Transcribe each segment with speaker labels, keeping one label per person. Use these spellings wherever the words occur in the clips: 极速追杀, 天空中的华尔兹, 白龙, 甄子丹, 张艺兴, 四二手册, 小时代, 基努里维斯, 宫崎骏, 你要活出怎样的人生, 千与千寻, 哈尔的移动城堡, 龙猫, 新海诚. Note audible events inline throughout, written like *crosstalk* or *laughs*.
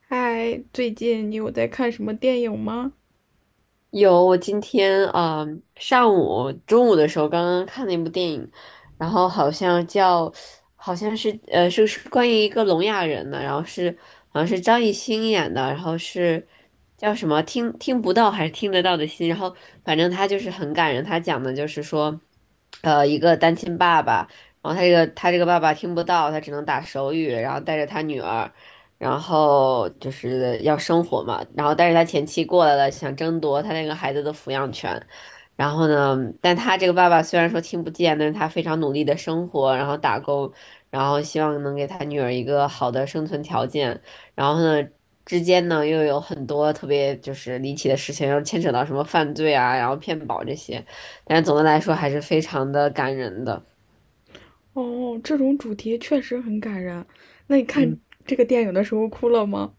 Speaker 1: 嗨，最近你有在看什么电影吗？
Speaker 2: 有，我今天上午中午的时候刚刚看了一部电影，然后好像叫，好像是关于一个聋哑人的，然后是好像是张艺兴演的，然后是叫什么听不到还是听得到的心，然后反正他就是很感人，他讲的就是说，一个单亲爸爸，然后他这个爸爸听不到，他只能打手语，然后带着他女儿。然后就是要生活嘛，然后但是他前妻过来了，想争夺他那个孩子的抚养权，然后呢，但他这个爸爸虽然说听不见，但是他非常努力的生活，然后打工，然后希望能给他女儿一个好的生存条件，然后呢。之间呢，又有很多特别就是离奇的事情，又牵扯到什么犯罪啊，然后骗保这些，但是总的来说还是非常的感人的。
Speaker 1: 哦，这种主题确实很感人。那你
Speaker 2: 嗯。
Speaker 1: 看这个电影的时候哭了吗？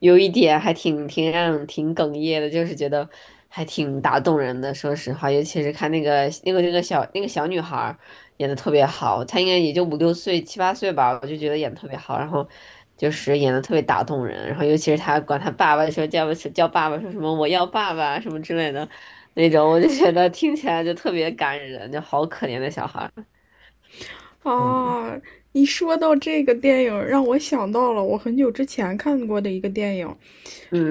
Speaker 2: 有一点还挺哽咽的，就是觉得还挺打动人的。说实话，尤其是看那个那个那个小那个小女孩儿演的特别好，她应该也就五六岁七八岁吧，我就觉得演的特别好，然后就是演的特别打动人。然后尤其是她管她爸爸说叫爸爸，说什么我要爸爸什么之类的那种，我就觉得听起来就特别感人，就好可怜的小孩儿。嗯
Speaker 1: 啊，你说到这个电影，让我想到了我很久之前看过的一个电影，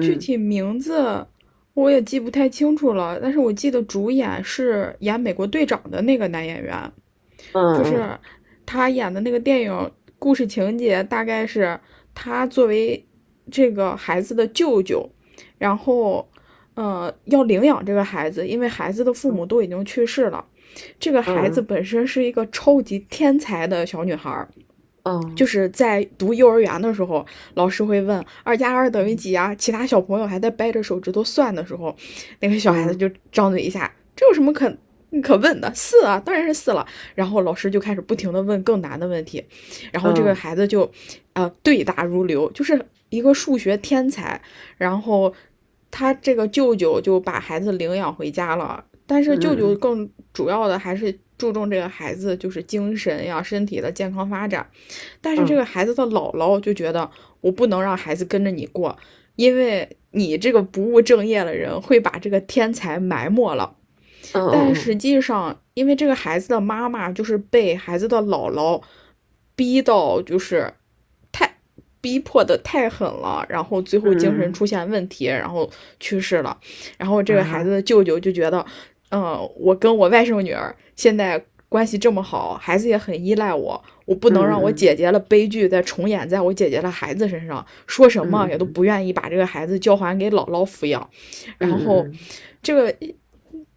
Speaker 1: 具体名字我也记不太清楚了，但是我记得主演是演美国队长的那个男演员。就
Speaker 2: 嗯
Speaker 1: 是他演的那个电影故事情节大概是他作为这个孩子的舅舅，然后要领养这个孩子，因为孩子的父母都已经去世了。这个
Speaker 2: 嗯
Speaker 1: 孩子
Speaker 2: 嗯
Speaker 1: 本身是一个超级天才的小女孩，就
Speaker 2: 嗯
Speaker 1: 是在读幼儿园的时候，老师会问二加二等于几啊？其他小朋友还在掰着手指头算的时候，那个小孩
Speaker 2: 嗯
Speaker 1: 子
Speaker 2: 嗯
Speaker 1: 就张嘴一下，这有什么可问的？四啊，当然是四了。然后老师就开始不停的问更难的问题，然后这个
Speaker 2: 嗯
Speaker 1: 孩子就，对答如流，就是一个数学天才。然后他这个舅舅就把孩子领养回家了，但
Speaker 2: 嗯
Speaker 1: 是舅
Speaker 2: 嗯嗯
Speaker 1: 舅
Speaker 2: 嗯
Speaker 1: 更主要的还是注重这个孩子就是精神呀、身体的健康发展，但是这
Speaker 2: 嗯。
Speaker 1: 个孩子的姥姥就觉得我不能让孩子跟着你过，因为你这个不务正业的人会把这个天才埋没了。但实
Speaker 2: 嗯
Speaker 1: 际上，因为这个孩子的妈妈就是被孩子的姥姥逼到，就是逼迫的太狠了，然后最
Speaker 2: 嗯
Speaker 1: 后精
Speaker 2: 嗯
Speaker 1: 神
Speaker 2: 嗯
Speaker 1: 出
Speaker 2: 嗯
Speaker 1: 现问题，然后去世了。然后这
Speaker 2: 嗯
Speaker 1: 个孩子的
Speaker 2: 啊，
Speaker 1: 舅舅就觉得，我跟我外甥女儿现在关系这么好，孩子也很依赖我，我不
Speaker 2: 嗯
Speaker 1: 能让我
Speaker 2: 嗯
Speaker 1: 姐姐的悲剧再重演在我姐姐的孩子身上。说什
Speaker 2: 嗯
Speaker 1: 么也都
Speaker 2: 嗯
Speaker 1: 不愿意把这个孩子交还给姥姥抚养。然
Speaker 2: 嗯嗯
Speaker 1: 后，
Speaker 2: 嗯
Speaker 1: 这个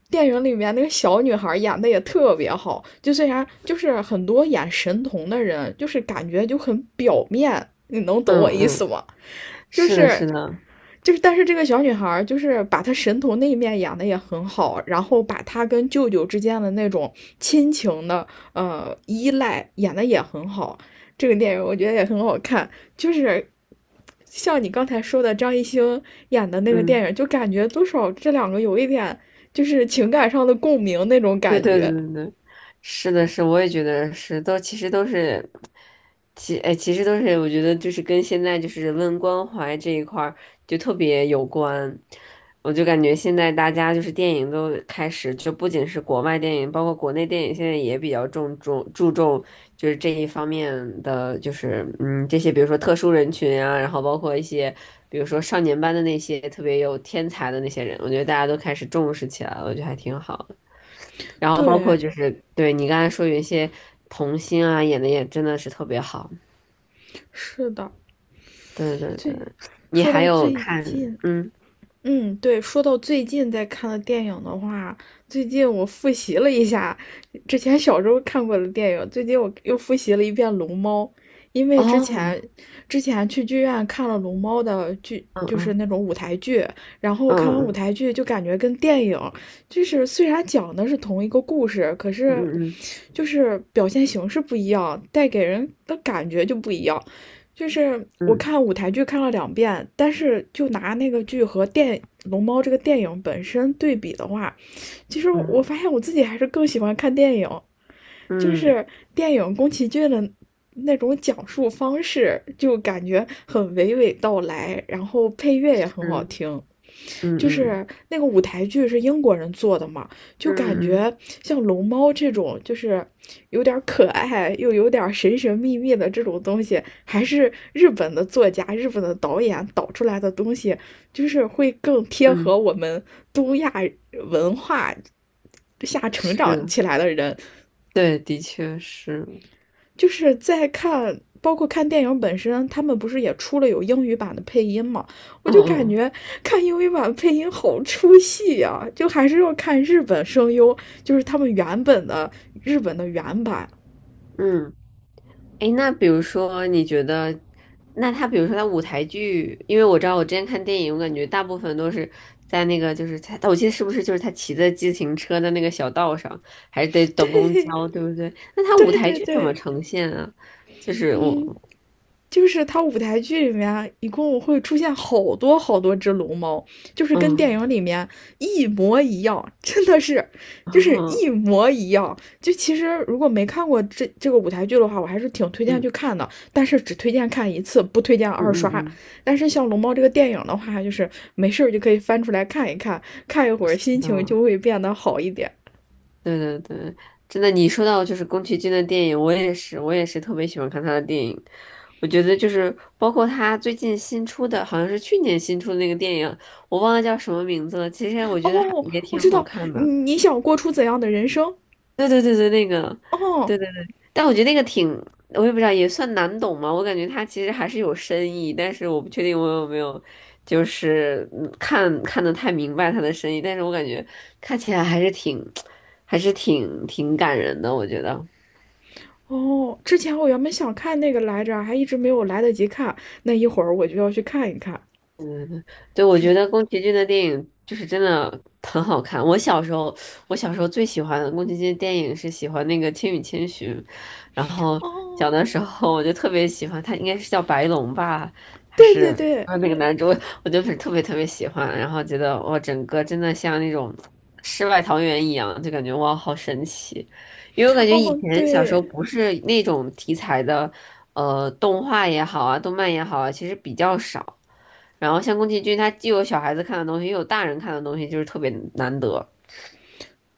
Speaker 1: 电影里面那个小女孩演的也特别好，就虽然就是很多演神童的人，就是感觉就很表面，你能懂
Speaker 2: 嗯
Speaker 1: 我意
Speaker 2: 嗯，
Speaker 1: 思
Speaker 2: 嗯
Speaker 1: 吗？就
Speaker 2: 是的，
Speaker 1: 是
Speaker 2: 是的，
Speaker 1: 就是，但是这个小女孩就是把她神童那一面演的也很好，然后把她跟舅舅之间的那种亲情的依赖演的也很好。这个电影我觉得也很好看，就是像你刚才说的张艺兴演的那个
Speaker 2: 嗯。
Speaker 1: 电影，就感觉多少这两个有一点就是情感上的共鸣那种
Speaker 2: 对 *laughs*
Speaker 1: 感
Speaker 2: 对
Speaker 1: 觉。
Speaker 2: 对对，是的是，我也觉得是，都其实都是，其实都是，我觉得就是跟现在就是人文关怀这一块儿就特别有关。我就感觉现在大家就是电影都开始，就不仅是国外电影，包括国内电影，现在也比较注重就是这一方面的，就是这些，比如说特殊人群啊，然后包括一些比如说少年班的那些特别有天才的那些人，我觉得大家都开始重视起来了，我觉得还挺好。然后包括
Speaker 1: 对，
Speaker 2: 就是对你刚才说有一些童星啊，演的也真的是特别好。
Speaker 1: 是的，
Speaker 2: 对对对，
Speaker 1: 最
Speaker 2: 你
Speaker 1: 说
Speaker 2: 还
Speaker 1: 到
Speaker 2: 有
Speaker 1: 最
Speaker 2: 看，
Speaker 1: 近
Speaker 2: 嗯，
Speaker 1: 嗯，对，说到最近在看的电影的话，最近我复习了一下之前小时候看过的电影，最近我又复习了一遍《龙猫》，因为之
Speaker 2: 哦，
Speaker 1: 前之前去剧院看了《龙猫》的剧，就是
Speaker 2: 嗯
Speaker 1: 那种舞台剧，然后看完舞
Speaker 2: 嗯
Speaker 1: 台剧就感觉跟电影就是虽然讲的是同一个故事，可是
Speaker 2: 嗯
Speaker 1: 就是表现形式不一样，带给人的感觉就不一样。就是我
Speaker 2: 嗯
Speaker 1: 看舞台剧看了两遍，但是就拿那个剧和《龙猫》这个电影本身对比的话，其实
Speaker 2: 嗯
Speaker 1: 我发现我自己还是更喜欢看电影，就
Speaker 2: 嗯嗯嗯，
Speaker 1: 是电影宫崎骏的那种讲述方式，就感觉很娓娓道来，然后配乐也很
Speaker 2: 是，
Speaker 1: 好听。
Speaker 2: 嗯
Speaker 1: 就
Speaker 2: 嗯
Speaker 1: 是那个舞台剧是英国人做的嘛，就
Speaker 2: 嗯
Speaker 1: 感
Speaker 2: 嗯嗯，
Speaker 1: 觉像龙猫这种，就是有点可爱又有点神神秘秘的这种东西，还是日本的作家、日本的导演导出来的东西，就是会更贴
Speaker 2: 嗯
Speaker 1: 合
Speaker 2: 嗯
Speaker 1: 我们东亚文化下
Speaker 2: 嗯
Speaker 1: 成长
Speaker 2: 是，
Speaker 1: 起来的人
Speaker 2: 对，的确是，
Speaker 1: 就是在看，包括看电影本身，他们不是也出了有英语版的配音嘛？我
Speaker 2: 嗯
Speaker 1: 就感
Speaker 2: 嗯
Speaker 1: 觉看英语版配音好出戏呀、就还是要看日本声优，就是他们原本的日本的原版。
Speaker 2: 嗯。诶，那比如说，你觉得，那他比如说他舞台剧，因为我知道我之前看电影，我感觉大部分都是在那个就是他，我记得是不是就是他骑着自行车的那个小道上，还是得等公交，对不对？那他舞
Speaker 1: 对
Speaker 2: 台
Speaker 1: 对
Speaker 2: 剧怎么
Speaker 1: 对，
Speaker 2: 呈现啊？就是我，
Speaker 1: 就是它舞台剧里面一共会出现好多好多只龙猫，就是跟电
Speaker 2: 嗯，
Speaker 1: 影里面一模一样，真的是，
Speaker 2: *laughs*
Speaker 1: 就是一
Speaker 2: 哦，
Speaker 1: 模一样。就其实如果没看过这个舞台剧的话，我还是挺推荐
Speaker 2: 嗯
Speaker 1: 去看的，但是只推荐看一次，不推荐二
Speaker 2: 嗯
Speaker 1: 刷。
Speaker 2: 嗯
Speaker 1: 但是像《龙猫》这个电影的话，就是没事儿就可以翻出来看一看，看一会儿心
Speaker 2: 嗯，
Speaker 1: 情就
Speaker 2: 嗯。
Speaker 1: 会变得好一点。
Speaker 2: 对对对，真的，你说到就是宫崎骏的电影，我也是，我也是特别喜欢看他的电影。我觉得就是包括他最近新出的，好像是去年新出的那个电影，我忘了叫什么名字了。其实我觉得还
Speaker 1: 哦，
Speaker 2: 也
Speaker 1: 我
Speaker 2: 挺
Speaker 1: 知
Speaker 2: 好
Speaker 1: 道
Speaker 2: 看
Speaker 1: 你
Speaker 2: 的。
Speaker 1: 你想过出怎样的人生。
Speaker 2: 对对对对，那个，
Speaker 1: 哦，
Speaker 2: 对对对，但我觉得那个挺，我也不知道，也算难懂嘛。我感觉它其实还是有深意，但是我不确定我有没有，就是看得太明白它的深意。但是我感觉看起来还是挺感人的，我觉得。
Speaker 1: 哦，之前我原本想看那个来着，还一直没有来得及看。那一会儿我就要去看一看。
Speaker 2: 对，我
Speaker 1: 就
Speaker 2: 觉得宫崎骏的电影就是真的很好看。我小时候最喜欢的宫崎骏电影是喜欢那个《千与千寻》，然后小的
Speaker 1: 哦，
Speaker 2: 时候我就特别喜欢他，应该是叫白龙吧，还
Speaker 1: 对
Speaker 2: 是
Speaker 1: 对对，
Speaker 2: 那个男主，*laughs* 我就是特别特别喜欢，然后觉得哇，整个真的像那种世外桃源一样，就感觉哇好神奇，因为我感觉以
Speaker 1: 哦
Speaker 2: 前小时候
Speaker 1: 对，
Speaker 2: 不是那种题材的，动画也好啊，动漫也好啊，其实比较少。然后像宫崎骏，他既有小孩子看的东西，又有大人看的东西，就是特别难得。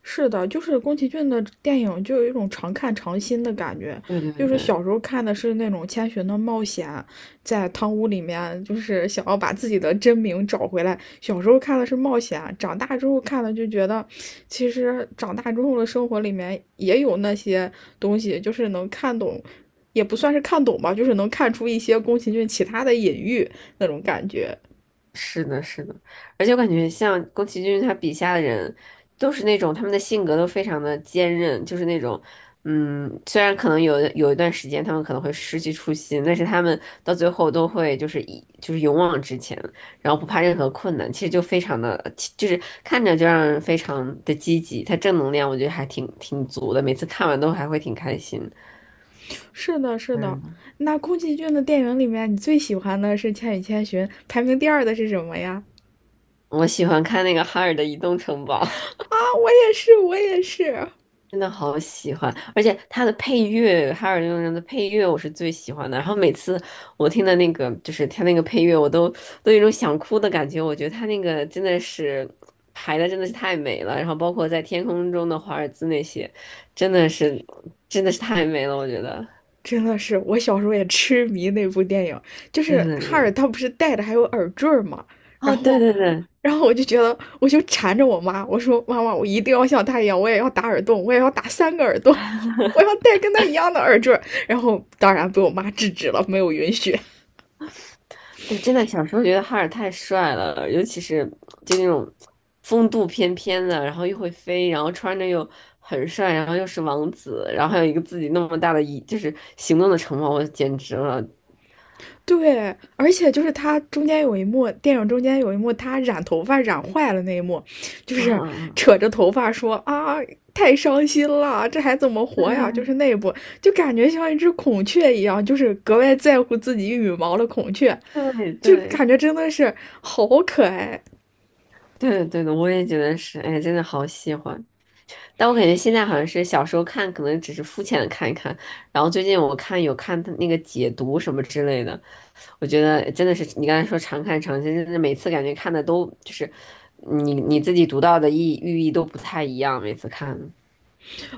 Speaker 1: 是的，就是宫崎骏的电影就有一种常看常新的感觉。
Speaker 2: 对对
Speaker 1: 就是
Speaker 2: 对，
Speaker 1: 小时候看的是那种千寻的冒险，在汤屋里面就是想要把自己的真名找回来。小时候看的是冒险，长大之后看了就觉得，其实长大之后的生活里面也有那些东西，就是能看懂，也不算是看懂吧，就是能看出一些宫崎骏其他的隐喻那种感觉。
Speaker 2: 是的，是的。而且我感觉像宫崎骏他笔下的人，都是那种他们的性格都非常的坚韧，就是那种，嗯，虽然可能有一段时间他们可能会失去初心，但是他们到最后都会就是勇往直前，然后不怕任何困难，其实就非常的，就是看着就让人非常的积极，他正能量我觉得还挺足的，每次看完都还会挺开心。
Speaker 1: 是的，是的。
Speaker 2: 嗯。
Speaker 1: 那宫崎骏的电影里面，你最喜欢的是《千与千寻》，排名第二的是什么呀？
Speaker 2: 我喜欢看那个哈尔的《移动城堡》
Speaker 1: 啊，我也是，我也是，
Speaker 2: *laughs*，真的好喜欢，而且它的配乐，哈尔的移动城堡的配乐我是最喜欢的。然后每次我听的那个，就是它那个配乐，我都有一种想哭的感觉。我觉得它那个真的是排的真的是太美了，然后包括在天空中的华尔兹那些，真的是真的是太美了，我觉得。
Speaker 1: 真的是，我小时候也痴迷那部电影。就是
Speaker 2: 对对
Speaker 1: 哈尔
Speaker 2: 对，
Speaker 1: 他不是戴的还有耳坠儿嘛，然
Speaker 2: 哦，对
Speaker 1: 后，
Speaker 2: 对对，
Speaker 1: 然后我就觉得，我就缠着我妈，我说妈妈，我一定要像他一样，我也要打耳洞，我也要打三个耳洞，*laughs* 我要戴跟他一样的耳坠儿。然后当然被我妈制止了，没有允许。
Speaker 2: 对，真的小时候觉得哈尔太帅了，尤其是就那种风度翩翩的，然后又会飞，然后穿着又很帅，然后又是王子，然后还有一个自己那么大的就是行动的城堡，我简直了
Speaker 1: 对，而且就是他中间有一幕，电影中间有一幕，他染头发染坏了那一幕，就是
Speaker 2: 啊！
Speaker 1: 扯着头发说啊，太伤心了，这还怎么活呀？就是那
Speaker 2: *laughs*
Speaker 1: 一部，就感觉像一只孔雀一样，就是格外在乎自己羽毛的孔雀，
Speaker 2: 对对对
Speaker 1: 就
Speaker 2: 对
Speaker 1: 感觉真的是好可爱。
Speaker 2: 对对的，我也觉得是，哎，真的好喜欢。但我感觉现在好像是小时候看，可能只是肤浅的看一看，然后最近我有看他那个解读什么之类的，我觉得真的是你刚才说常看常新，真的每次感觉看的都就是你自己读到的寓意都不太一样，每次看。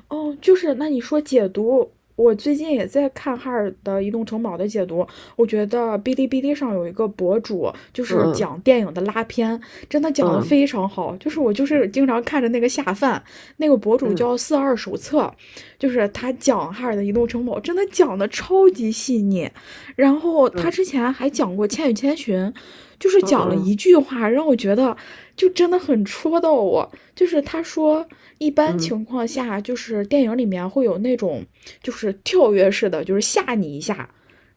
Speaker 1: 哦，就是那你说解读，我最近也在看哈尔的移动城堡的解读，我觉得哔哩哔哩上有一个博主，就是
Speaker 2: 嗯
Speaker 1: 讲电影的拉片，真的讲的
Speaker 2: 嗯
Speaker 1: 非常好。就是我就是经常看着那个下饭，那个博主
Speaker 2: 嗯
Speaker 1: 叫四二手册，就是他讲哈尔的移动城堡，真的讲的超级细腻。然后他
Speaker 2: 嗯
Speaker 1: 之前还讲过《千与千寻》，就是
Speaker 2: 嗯
Speaker 1: 讲了一
Speaker 2: 嗯
Speaker 1: 句话，让我觉得就真的很戳到我。就是他说，一般
Speaker 2: 嗯
Speaker 1: 情况下，就是电影里面会有那种就是跳跃式的，就是吓你一下。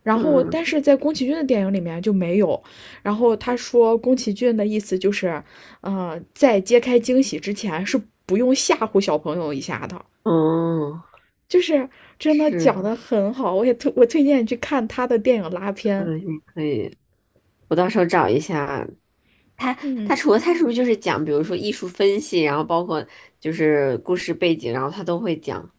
Speaker 1: 然后，但
Speaker 2: 嗯
Speaker 1: 是在宫崎骏的电影里面就没有。然后他说，宫崎骏的意思就是，在揭开惊喜之前是不用吓唬小朋友一下的，
Speaker 2: 嗯嗯，
Speaker 1: 就是真的讲
Speaker 2: 是，
Speaker 1: 的很好。我也推荐你去看他的电影拉片。
Speaker 2: 嗯，你可以，我到时候找一下他。他
Speaker 1: 嗯，
Speaker 2: 除了他是不是就是讲，比如说艺术分析，然后包括就是故事背景，然后他都会讲。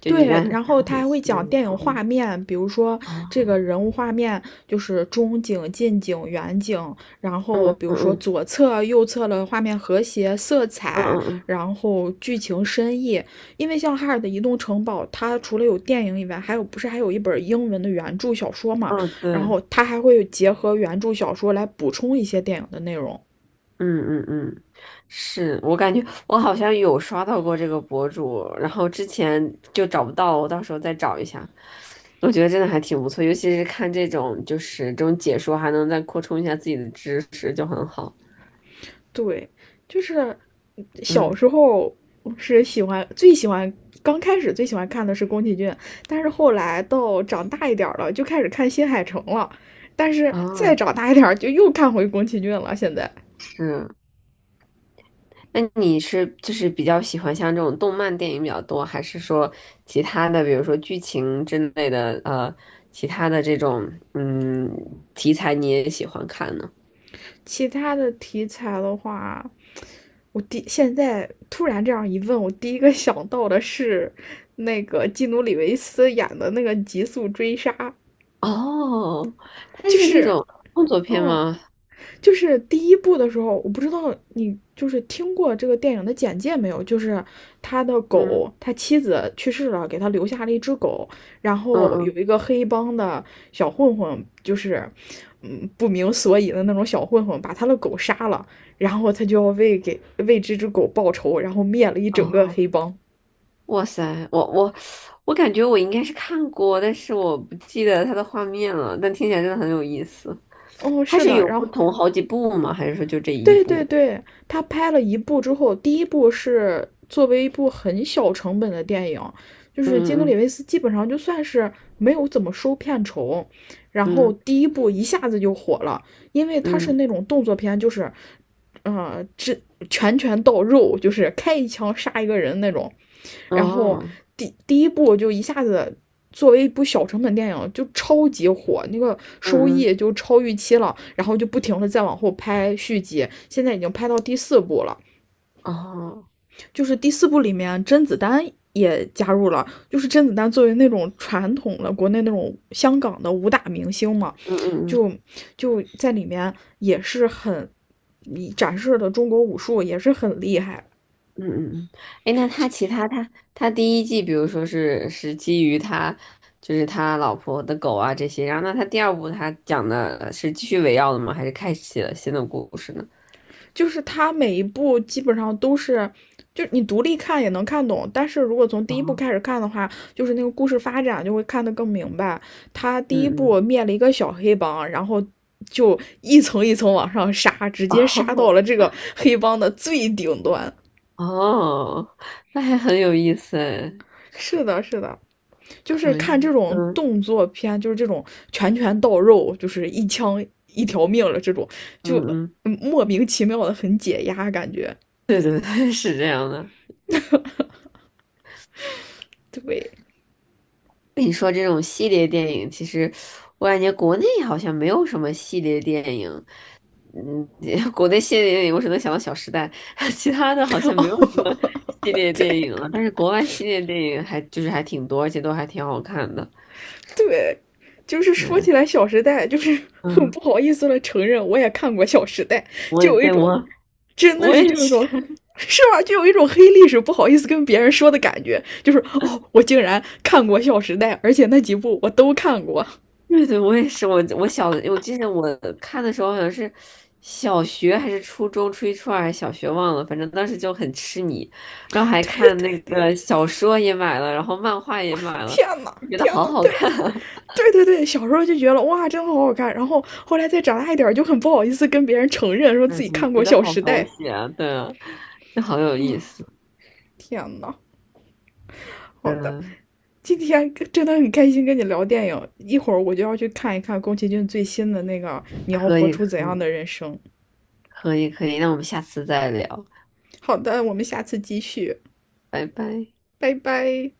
Speaker 2: 就你
Speaker 1: 对，
Speaker 2: 刚才
Speaker 1: 然
Speaker 2: 讲
Speaker 1: 后
Speaker 2: 得
Speaker 1: 他
Speaker 2: 很
Speaker 1: 还会
Speaker 2: 细的
Speaker 1: 讲
Speaker 2: 那
Speaker 1: 电影
Speaker 2: 种。
Speaker 1: 画面，比如说这个
Speaker 2: 哦，
Speaker 1: 人物画面就是中景、近景、远景，然后
Speaker 2: 嗯
Speaker 1: 比如说
Speaker 2: 嗯
Speaker 1: 左侧、右侧的画面和谐、色
Speaker 2: 嗯
Speaker 1: 彩，
Speaker 2: 嗯嗯
Speaker 1: 然后剧情深意。因为像哈尔的移动城堡，它除了有电影以外，还有不是还有一本英文的原著小说嘛？
Speaker 2: 嗯，哦，
Speaker 1: 然
Speaker 2: 对，
Speaker 1: 后它还会结合原著小说来补充一些电影的内容。
Speaker 2: 嗯嗯嗯，是我感觉我好像有刷到过这个博主，然后之前就找不到，我到时候再找一下。我觉得真的还挺不错，尤其是看这种就是这种解说，还能再扩充一下自己的知识，就很好。
Speaker 1: 对，就是小
Speaker 2: 嗯
Speaker 1: 时候是喜欢最喜欢，刚开始最喜欢看的是宫崎骏，但是后来到长大一点了，就开始看新海诚了，但是再
Speaker 2: 啊，
Speaker 1: 长大一点就又看回宫崎骏了。现在
Speaker 2: 是。那你是就是比较喜欢像这种动漫电影比较多，还是说其他的，比如说剧情之类的，其他的这种题材你也喜欢看呢？
Speaker 1: 其他的题材的话，我现在突然这样一问，我第一个想到的是那个基努里维斯演的那个《极速追杀》，
Speaker 2: 哦，它
Speaker 1: 就
Speaker 2: 是那
Speaker 1: 是
Speaker 2: 种动作片
Speaker 1: 嗯，
Speaker 2: 吗？
Speaker 1: 就是第一部的时候，我不知道你就是听过这个电影的简介没有？就是他的
Speaker 2: 嗯
Speaker 1: 狗，他妻子去世了，给他留下了一只狗，然
Speaker 2: 嗯
Speaker 1: 后有
Speaker 2: 嗯，
Speaker 1: 一个黑帮的小混混，就是不明所以的那种小混混，把他的狗杀了，然后他就要为这只狗报仇，然后灭了一整个
Speaker 2: 哦，
Speaker 1: 黑帮。
Speaker 2: 哇塞，我感觉我应该是看过，但是我不记得它的画面了，但听起来真的很有意思。
Speaker 1: 哦，
Speaker 2: 它
Speaker 1: 是
Speaker 2: 是
Speaker 1: 的，
Speaker 2: 有
Speaker 1: 然
Speaker 2: 不
Speaker 1: 后
Speaker 2: 同好几部吗？还是说就这一
Speaker 1: 对对
Speaker 2: 部？
Speaker 1: 对，他拍了一部之后，第一部是作为一部很小成本的电影，就是基努里
Speaker 2: 嗯
Speaker 1: 维斯基本上就算是没有怎么收片酬，然
Speaker 2: 嗯
Speaker 1: 后
Speaker 2: 嗯
Speaker 1: 第一部一下子就火了，因为他是
Speaker 2: 嗯
Speaker 1: 那种动作片，就是，这拳拳到肉，就是开一枪杀一个人那种，
Speaker 2: 嗯，
Speaker 1: 然后
Speaker 2: 哦，
Speaker 1: 第一部就一下子作为一部小成本电影就超级火，那个收
Speaker 2: 嗯嗯
Speaker 1: 益就超预期了，然后就不停的再往后拍续集，现在已经拍到第四部了。
Speaker 2: 哦，
Speaker 1: 就是第四部里面甄子丹也加入了，就是甄子丹作为那种传统的国内那种香港的武打明星嘛，
Speaker 2: 嗯嗯嗯。
Speaker 1: 就就在里面也是很，展示的中国武术也是很厉害，
Speaker 2: 嗯嗯嗯，哎，那他其他他他第一季，比如说是基于他就是他老婆的狗啊这些，然后那他第二部他讲的是继续围绕的吗？还是开启了新的故事呢？
Speaker 1: 就是它每一部基本上都是，就你独立看也能看懂，但是如果从第
Speaker 2: 哦，
Speaker 1: 一部开始看的话，就是那个故事发展就会看得更明白。他
Speaker 2: 嗯
Speaker 1: 第一部
Speaker 2: 嗯，
Speaker 1: 灭了一个小黑帮，然后就一层一层往上杀，直
Speaker 2: *laughs*
Speaker 1: 接杀到
Speaker 2: 哦
Speaker 1: 了这个黑帮的最顶端。
Speaker 2: 哦，那还很有意思哎，
Speaker 1: 是的，是的，就是
Speaker 2: 可以，
Speaker 1: 看这种
Speaker 2: 嗯
Speaker 1: 动作片，就是这种拳拳到肉，就是一枪一条命了这种，就
Speaker 2: 嗯嗯，
Speaker 1: 莫名其妙的很解压感觉。
Speaker 2: 对对对，*laughs* 是这样的。
Speaker 1: 对，
Speaker 2: 跟你说这种系列电影，其实我感觉国内好像没有什么系列电影。嗯，*laughs* 国内系列电影我只能想到《小时代》，*laughs* 其他的好像没有什么系列电影了。但是国外系列电影还就是还挺多，而且都还挺好看的。
Speaker 1: 对，就是说
Speaker 2: 对，
Speaker 1: 起来，《小时代》就是很
Speaker 2: 嗯，
Speaker 1: 不好意思的承认，我也看过《小时代》，
Speaker 2: 我
Speaker 1: 就
Speaker 2: 也
Speaker 1: 有一
Speaker 2: 对
Speaker 1: 种，
Speaker 2: 我
Speaker 1: 真的
Speaker 2: 我
Speaker 1: 是
Speaker 2: 也
Speaker 1: 就有一种，
Speaker 2: 是，
Speaker 1: 是吧？就有一种黑历史不好意思跟别人说的感觉，就是哦，我竟然看过《小时代》，而且那几部我都看过。
Speaker 2: *laughs* 对对，我也是。我记得我看的时候好像是小学还是初中，初一初二还是小学忘了，反正当时就很痴迷，然后还看那个小说也买了，然后漫画也买了，
Speaker 1: 天呐，
Speaker 2: 就觉得
Speaker 1: 天
Speaker 2: 好
Speaker 1: 呐，
Speaker 2: 好
Speaker 1: 对
Speaker 2: 看。
Speaker 1: 的对对对，小时候就觉得哇，真好好看，然后后来再长大一点，就很不好意思跟别人承认说
Speaker 2: 对，
Speaker 1: 自己
Speaker 2: 总
Speaker 1: 看
Speaker 2: 觉
Speaker 1: 过
Speaker 2: 得
Speaker 1: 《小
Speaker 2: 好
Speaker 1: 时
Speaker 2: 狗
Speaker 1: 代》。
Speaker 2: 血啊，对啊，这好有意思。
Speaker 1: 天呐，好的，今天真的很开心跟你聊电影，一会儿我就要去看一看宫崎骏最新的那个《你要
Speaker 2: 可
Speaker 1: 活
Speaker 2: 以，
Speaker 1: 出怎
Speaker 2: 可
Speaker 1: 样
Speaker 2: 以，
Speaker 1: 的人生》。
Speaker 2: 可以，可以。那我们下次再聊，
Speaker 1: 好的，我们下次继续，
Speaker 2: 拜拜。
Speaker 1: 拜拜。